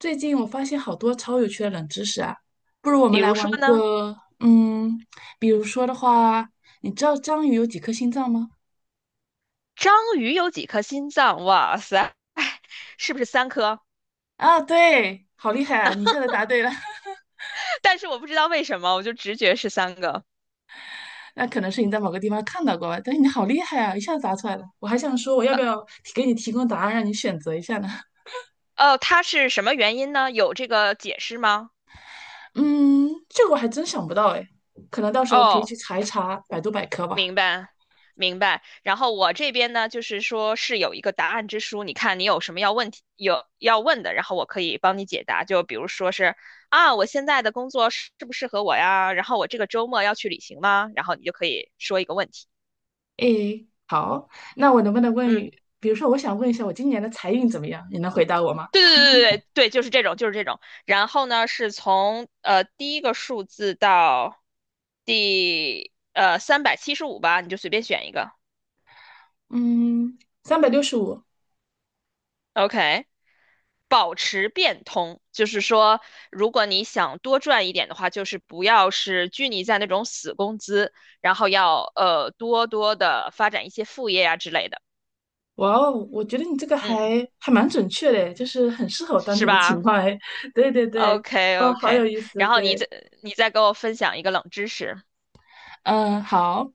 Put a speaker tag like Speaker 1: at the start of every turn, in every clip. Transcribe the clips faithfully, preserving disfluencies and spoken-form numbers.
Speaker 1: 最近我发现好多超有趣的冷知识啊，不如我
Speaker 2: 比
Speaker 1: 们来
Speaker 2: 如
Speaker 1: 玩
Speaker 2: 说呢，
Speaker 1: 个，嗯，比如说的话，你知道章鱼有几颗心脏吗？
Speaker 2: 章鱼有几颗心脏？哇塞，是不是三颗？
Speaker 1: 啊，对，好厉害
Speaker 2: 那
Speaker 1: 啊！你一下子答对了，
Speaker 2: 但是我不知道为什么，我就直觉是三个。
Speaker 1: 那可能是你在某个地方看到过吧，但是你好厉害啊，一下子答出来了。我还想说，我要不要提给你提供答案，让你选择一下呢？
Speaker 2: 哦，它是什么原因呢？有这个解释吗？
Speaker 1: 嗯，这个我还真想不到哎，可能到时候可以
Speaker 2: 哦，
Speaker 1: 去查一查百度百科吧。
Speaker 2: 明白，明白。然后我这边呢，就是说是有一个答案之书，你看你有什么要问题有要问的，然后我可以帮你解答。就比如说是啊，我现在的工作适不适合我呀？然后我这个周末要去旅行吗？然后你就可以说一个问题。
Speaker 1: 诶，好，那我能不能问，
Speaker 2: 嗯。
Speaker 1: 比如说我想问一下，我今年的财运怎么样？你能回答我吗？
Speaker 2: 对对对对对对，就是这种，就是这种。然后呢，是从呃第一个数字到第呃三百七十五吧，你就随便选一个。
Speaker 1: 嗯，三百六十五，
Speaker 2: OK，保持变通，就是说，如果你想多赚一点的话，就是不要是拘泥在那种死工资，然后要呃多多的发展一些副业啊之类的，
Speaker 1: 哇哦，我觉得你这个还
Speaker 2: 嗯，
Speaker 1: 还蛮准确的，就是很适合我当
Speaker 2: 是
Speaker 1: 前的情
Speaker 2: 吧
Speaker 1: 况哎。对对对，
Speaker 2: ？OK
Speaker 1: 哦，好
Speaker 2: OK，
Speaker 1: 有意思，
Speaker 2: 然后你
Speaker 1: 对，
Speaker 2: 再你再给我分享一个冷知识。
Speaker 1: 嗯，好。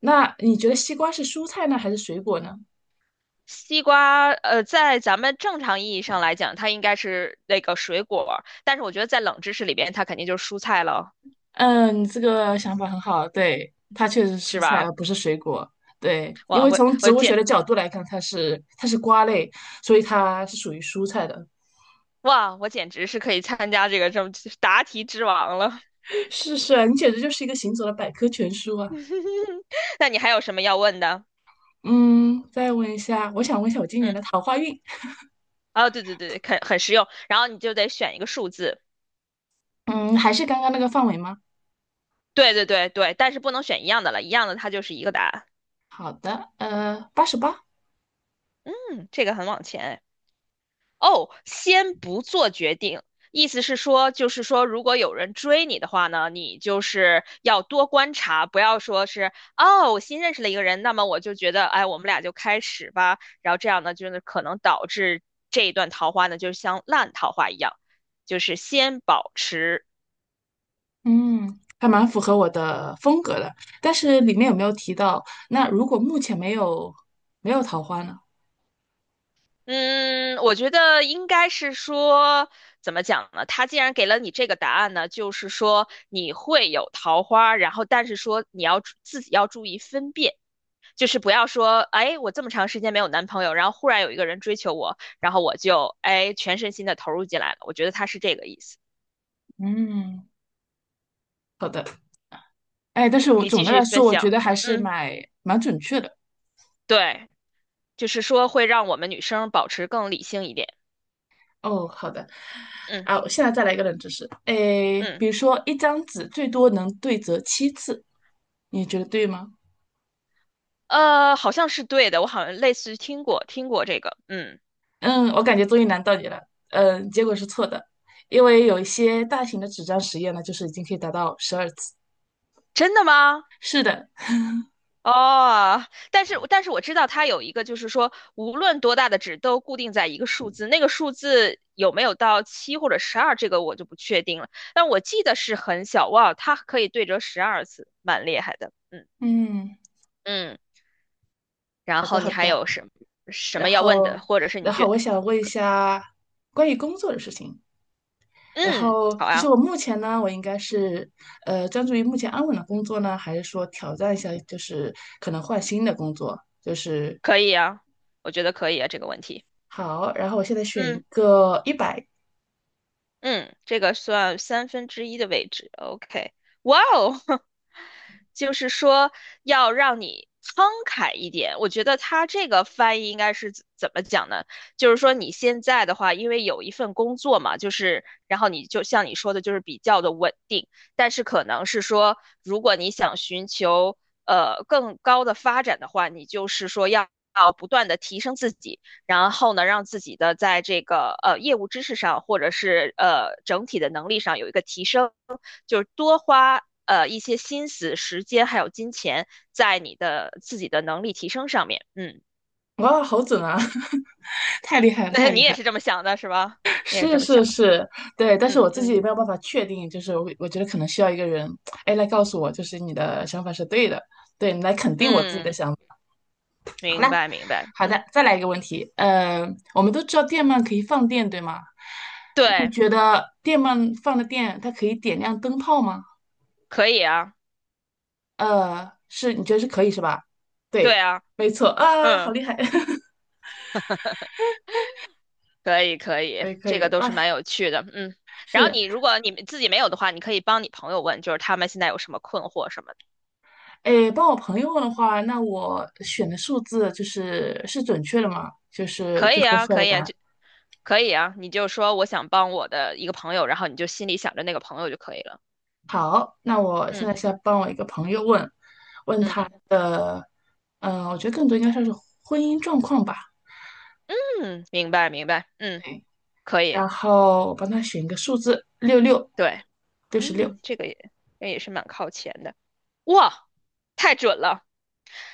Speaker 1: 那你觉得西瓜是蔬菜呢，还是水果呢？
Speaker 2: 西瓜，呃，在咱们正常意义上来讲，它应该是那个水果。但是我觉得在冷知识里边，它肯定就是蔬菜了，
Speaker 1: 嗯，你这个想法很好，对，它确实是蔬
Speaker 2: 是
Speaker 1: 菜，
Speaker 2: 吧？
Speaker 1: 而不是水果。对，因
Speaker 2: 哇，
Speaker 1: 为
Speaker 2: 我
Speaker 1: 从植
Speaker 2: 我
Speaker 1: 物学
Speaker 2: 简
Speaker 1: 的角度来看，它是它是瓜类，所以它是属于蔬菜的。
Speaker 2: 哇，我简直是可以参加这个这么答题之王了。
Speaker 1: 是是啊你简直就是一个行走的百科全书啊！
Speaker 2: 那你还有什么要问的？
Speaker 1: 嗯，再问一下，我想问一下我今年
Speaker 2: 嗯，
Speaker 1: 的桃花运。
Speaker 2: 啊，对对对对，很很实用。然后你就得选一个数字，
Speaker 1: 嗯，还是刚刚那个范围吗？
Speaker 2: 对对对对，但是不能选一样的了，一样的它就是一个答案。
Speaker 1: 好的，呃，八十八，
Speaker 2: 嗯，这个很往前哎哦，先不做决定，意思是说，就是说，如果有人追你的话呢，你就是要多观察，不要说是哦，我新认识了一个人，那么我就觉得，哎，我们俩就开始吧，然后这样呢，就是可能导致这一段桃花呢，就像烂桃花一样，就是先保持。
Speaker 1: 嗯，还蛮符合我的风格的。但是里面有没有提到，那如果目前没有没有桃花呢？
Speaker 2: 嗯，我觉得应该是说，怎么讲呢？他既然给了你这个答案呢，就是说你会有桃花，然后但是说你要注自己要注意分辨。就是不要说，哎，我这么长时间没有男朋友，然后忽然有一个人追求我，然后我就哎全身心的投入进来了。我觉得他是这个意思。
Speaker 1: 嗯，好的，哎，但是我
Speaker 2: 你继
Speaker 1: 总的
Speaker 2: 续
Speaker 1: 来
Speaker 2: 分
Speaker 1: 说，我觉
Speaker 2: 享。
Speaker 1: 得还是
Speaker 2: 嗯，
Speaker 1: 蛮蛮准确的。
Speaker 2: 对，就是说会让我们女生保持更理性一点。
Speaker 1: 哦，好的，
Speaker 2: 嗯
Speaker 1: 啊，我现在再来一个冷知识，哎，
Speaker 2: 嗯，
Speaker 1: 比如说一张纸最多能对折七次，你觉得对吗？
Speaker 2: 呃，好像是对的，我好像类似于听过听过这个。嗯，
Speaker 1: 嗯，我感觉终于难到你了。嗯，结果是错的，因为有一些大型的纸张实验呢，就是已经可以达到十二次。
Speaker 2: 真的吗？
Speaker 1: 是的，
Speaker 2: 哦，但是但是我知道它有一个，就是说无论多大的纸都固定在一个数字，那个数字有没有到七或者十二，这个我就不确定了。但我记得是很小，哇，它可以对折十二次，蛮厉害的。嗯
Speaker 1: 嗯，
Speaker 2: 嗯，然
Speaker 1: 好的，
Speaker 2: 后你
Speaker 1: 好
Speaker 2: 还
Speaker 1: 的。
Speaker 2: 有什么什么
Speaker 1: 然
Speaker 2: 要问的，
Speaker 1: 后，
Speaker 2: 或者是你
Speaker 1: 然后
Speaker 2: 觉
Speaker 1: 我想问一下关于工作的事情。然
Speaker 2: 嗯，
Speaker 1: 后，
Speaker 2: 好
Speaker 1: 就是
Speaker 2: 啊，
Speaker 1: 我目前呢，我应该是呃专注于目前安稳的工作呢，还是说挑战一下，就是可能换新的工作？就是
Speaker 2: 可以啊，我觉得可以啊，这个问题。
Speaker 1: 好，然后我现在选一
Speaker 2: 嗯。
Speaker 1: 个一百，
Speaker 2: 嗯，这个算三分之一的位置。OK，哇哦，就是说要让你慷慨一点。我觉得他这个翻译应该是怎怎么讲呢？就是说你现在的话，因为有一份工作嘛，就是然后你就像你说的，就是比较的稳定，但是可能是说，如果你想寻求呃更高的发展的话，你就是说要要不断的提升自己。然后呢，让自己的在这个呃业务知识上，或者是呃整体的能力上有一个提升，就是多花呃一些心思、时间还有金钱在你的自己的能力提升上面。嗯，
Speaker 1: 哇，好准啊！太厉 害了，
Speaker 2: 那
Speaker 1: 太
Speaker 2: 你
Speaker 1: 厉
Speaker 2: 也
Speaker 1: 害了
Speaker 2: 是这么想的是吧？你也是
Speaker 1: 是
Speaker 2: 这么
Speaker 1: 是
Speaker 2: 想的
Speaker 1: 是，对，但是
Speaker 2: 嗯
Speaker 1: 我自己
Speaker 2: 嗯
Speaker 1: 也没有办法确定，就是我我觉得可能需要一个人，哎，来告诉我，就是你的想法是对的，对你来肯定我自己的
Speaker 2: 嗯，
Speaker 1: 想法。好了，
Speaker 2: 明白明白。
Speaker 1: 好
Speaker 2: 嗯，
Speaker 1: 的，再来一个问题，呃，我们都知道电鳗可以放电，对吗？那你
Speaker 2: 对，
Speaker 1: 觉得电鳗放的电，它可以点亮灯泡吗？
Speaker 2: 可以啊，
Speaker 1: 呃，是，你觉得是可以是吧？
Speaker 2: 对
Speaker 1: 对，
Speaker 2: 啊，
Speaker 1: 没错啊，好
Speaker 2: 嗯，
Speaker 1: 厉害，
Speaker 2: 可以可以，
Speaker 1: 可以可
Speaker 2: 这
Speaker 1: 以
Speaker 2: 个都
Speaker 1: 啊，
Speaker 2: 是蛮有趣的。嗯，然
Speaker 1: 是。
Speaker 2: 后你如果你自己没有的话，你可以帮你朋友问，就是他们现在有什么困惑什么的。
Speaker 1: 诶，帮我朋友问的话，那我选的数字就是是准确的嘛？就是
Speaker 2: 可
Speaker 1: 最
Speaker 2: 以
Speaker 1: 后
Speaker 2: 啊，
Speaker 1: 出来
Speaker 2: 可
Speaker 1: 的
Speaker 2: 以
Speaker 1: 答
Speaker 2: 啊，
Speaker 1: 案。
Speaker 2: 就可以啊，你就说我想帮我的一个朋友，然后你就心里想着那个朋友就可以了。
Speaker 1: 好，那我现
Speaker 2: 嗯
Speaker 1: 在是要帮我一个朋友问，问
Speaker 2: 嗯
Speaker 1: 他的，嗯、我觉得更多应该算是婚姻状况吧。
Speaker 2: 嗯，明白明白，嗯，
Speaker 1: 对，
Speaker 2: 可以，
Speaker 1: 然后我帮他选一个数字，六六，
Speaker 2: 对，
Speaker 1: 六十六。
Speaker 2: 嗯，这个也这也是蛮靠前的，哇，太准了。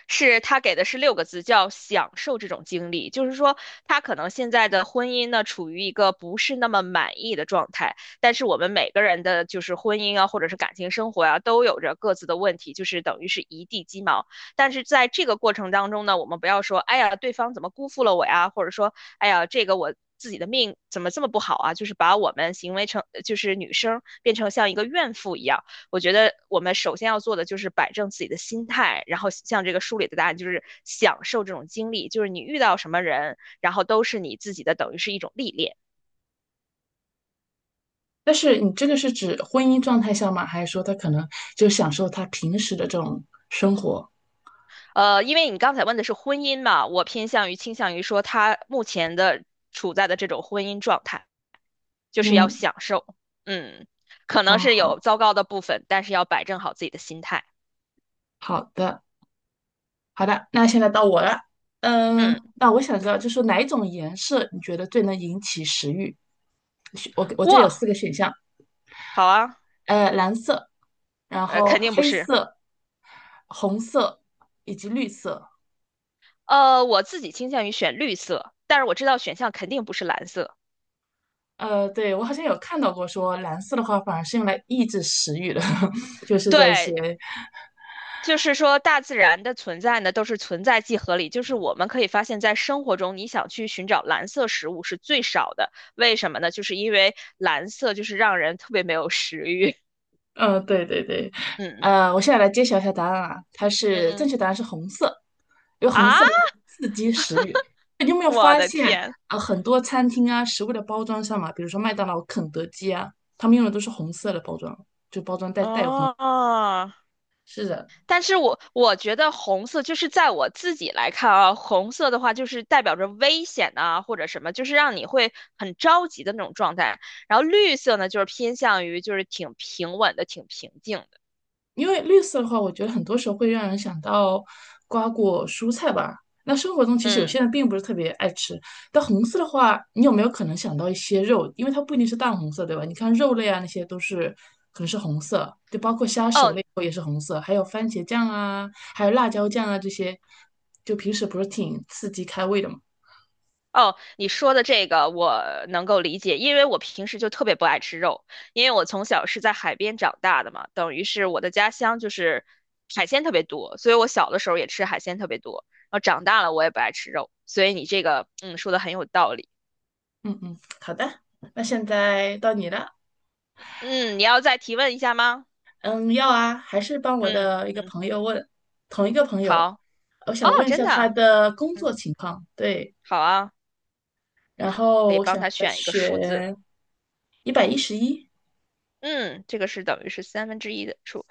Speaker 2: 是他给的是六个字，叫享受这种经历。就是说，他可能现在的婚姻呢，处于一个不是那么满意的状态。但是我们每个人的就是婚姻啊，或者是感情生活啊，都有着各自的问题，就是等于是一地鸡毛。但是在这个过程当中呢，我们不要说，哎呀，对方怎么辜负了我呀，或者说，哎呀，这个我自己的命怎么这么不好啊？就是把我们行为成，就是女生变成像一个怨妇一样。我觉得我们首先要做的就是摆正自己的心态，然后像这个书里的答案，就是享受这种经历，就是你遇到什么人，然后都是你自己的，等于是一种历练。
Speaker 1: 但是你这个是指婚姻状态下吗？还是说他可能就享受他平时的这种生活？
Speaker 2: 呃，因为你刚才问的是婚姻嘛，我偏向于倾向于说他目前的处在的这种婚姻状态，就是要
Speaker 1: 嗯，
Speaker 2: 享受，嗯，可
Speaker 1: 啊，
Speaker 2: 能是有
Speaker 1: 好，
Speaker 2: 糟糕的部分，但是要摆正好自己的心态。
Speaker 1: 好的。好的，那现在到我了。嗯，
Speaker 2: 嗯，
Speaker 1: 那我想知道，就是哪一种颜色你觉得最能引起食欲？选我我这里有四
Speaker 2: 哇，
Speaker 1: 个选项，
Speaker 2: 好啊，
Speaker 1: 呃，蓝色，然
Speaker 2: 呃，
Speaker 1: 后
Speaker 2: 肯定不
Speaker 1: 黑
Speaker 2: 是，
Speaker 1: 色、红色以及绿色。
Speaker 2: 呃，我自己倾向于选绿色，但是我知道选项肯定不是蓝色。
Speaker 1: 呃，对，我好像有看到过说蓝色的话反而是用来抑制食欲的，就是在一些，
Speaker 2: 对，就是说大自然的存在呢，都是存在即合理。就是我们可以发现，在生活中，你想去寻找蓝色食物是最少的。为什么呢？就是因为蓝色就是让人特别没有食欲。
Speaker 1: 呃，对对对，
Speaker 2: 嗯
Speaker 1: 呃，我现在来揭晓一下答案啊，它是正
Speaker 2: 嗯
Speaker 1: 确答案是红色，因为红
Speaker 2: 啊，
Speaker 1: 色能够刺激食欲。
Speaker 2: 我的天！
Speaker 1: 啊，很多餐厅啊，食物的包装上嘛，比如说麦当劳、肯德基啊，他们用的都是红色的包装，就包装袋带有红。
Speaker 2: 哦，
Speaker 1: 是的，
Speaker 2: 但是我我觉得红色就是在我自己来看啊，红色的话就是代表着危险啊，或者什么，就是让你会很着急的那种状态。然后绿色呢，就是偏向于就是挺平稳的，挺平静的。
Speaker 1: 因为绿色的话，我觉得很多时候会让人想到瓜果蔬菜吧。那生活中其实有些
Speaker 2: 嗯，
Speaker 1: 人并不是特别爱吃，但红色的话，你有没有可能想到一些肉？因为它不一定是淡红色，对吧？你看肉类啊，那些都是可能是红色，就包括虾熟
Speaker 2: 哦，
Speaker 1: 了以后也是红色，还有番茄酱啊，还有辣椒酱啊这些，就平时不是挺刺激开胃的嘛？
Speaker 2: 哦，你说的这个我能够理解，因为我平时就特别不爱吃肉，因为我从小是在海边长大的嘛，等于是我的家乡就是海鲜特别多，所以我小的时候也吃海鲜特别多，然后长大了我也不爱吃肉，所以你这个嗯说的很有道理。
Speaker 1: 嗯嗯，好的，那现在到你了。
Speaker 2: 嗯，你要再提问一下吗？
Speaker 1: 嗯，要啊，还是帮我
Speaker 2: 嗯
Speaker 1: 的一个
Speaker 2: 嗯，
Speaker 1: 朋友问，同一个朋友，
Speaker 2: 好，
Speaker 1: 我
Speaker 2: 哦，
Speaker 1: 想问一
Speaker 2: 真
Speaker 1: 下他
Speaker 2: 的，
Speaker 1: 的工
Speaker 2: 嗯，
Speaker 1: 作情况。对，
Speaker 2: 好啊，你
Speaker 1: 然
Speaker 2: 可可
Speaker 1: 后
Speaker 2: 以
Speaker 1: 我
Speaker 2: 帮
Speaker 1: 想给
Speaker 2: 他
Speaker 1: 他
Speaker 2: 选一个数字，
Speaker 1: 选一百一十一。
Speaker 2: 嗯，这个是等于是三分之一的数。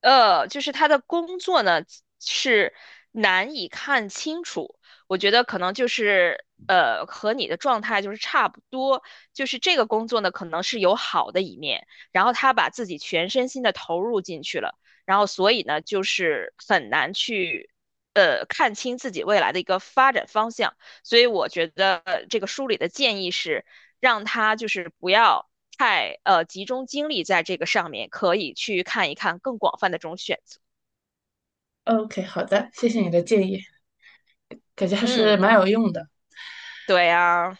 Speaker 2: 呃，就是他的工作呢是难以看清楚，我觉得可能就是呃和你的状态就是差不多，就是这个工作呢可能是有好的一面，然后他把自己全身心的投入进去了，然后所以呢就是很难去呃看清自己未来的一个发展方向，所以我觉得呃这个书里的建议是让他就是不要太呃集中精力在这个上面，可以去看一看更广泛的这种选择。
Speaker 1: OK，好的，谢谢你的建议，感觉还是蛮
Speaker 2: 嗯，
Speaker 1: 有用的。
Speaker 2: 对啊，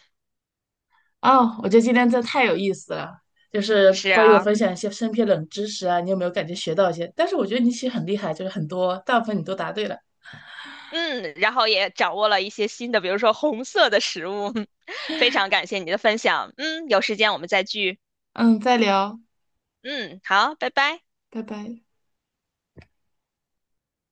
Speaker 1: 哦，我觉得今天真的太有意思了，就是
Speaker 2: 是
Speaker 1: 关于我
Speaker 2: 啊，
Speaker 1: 分享一些身边冷知识啊，你有没有感觉学到一些？但是我觉得你其实很厉害，就是很多大部分你都答对了。
Speaker 2: 嗯，然后也掌握了一些新的，比如说红色的食物。非常感谢你的分享，嗯，有时间我们再聚，
Speaker 1: 嗯，再聊，
Speaker 2: 嗯，好，拜拜。
Speaker 1: 拜拜。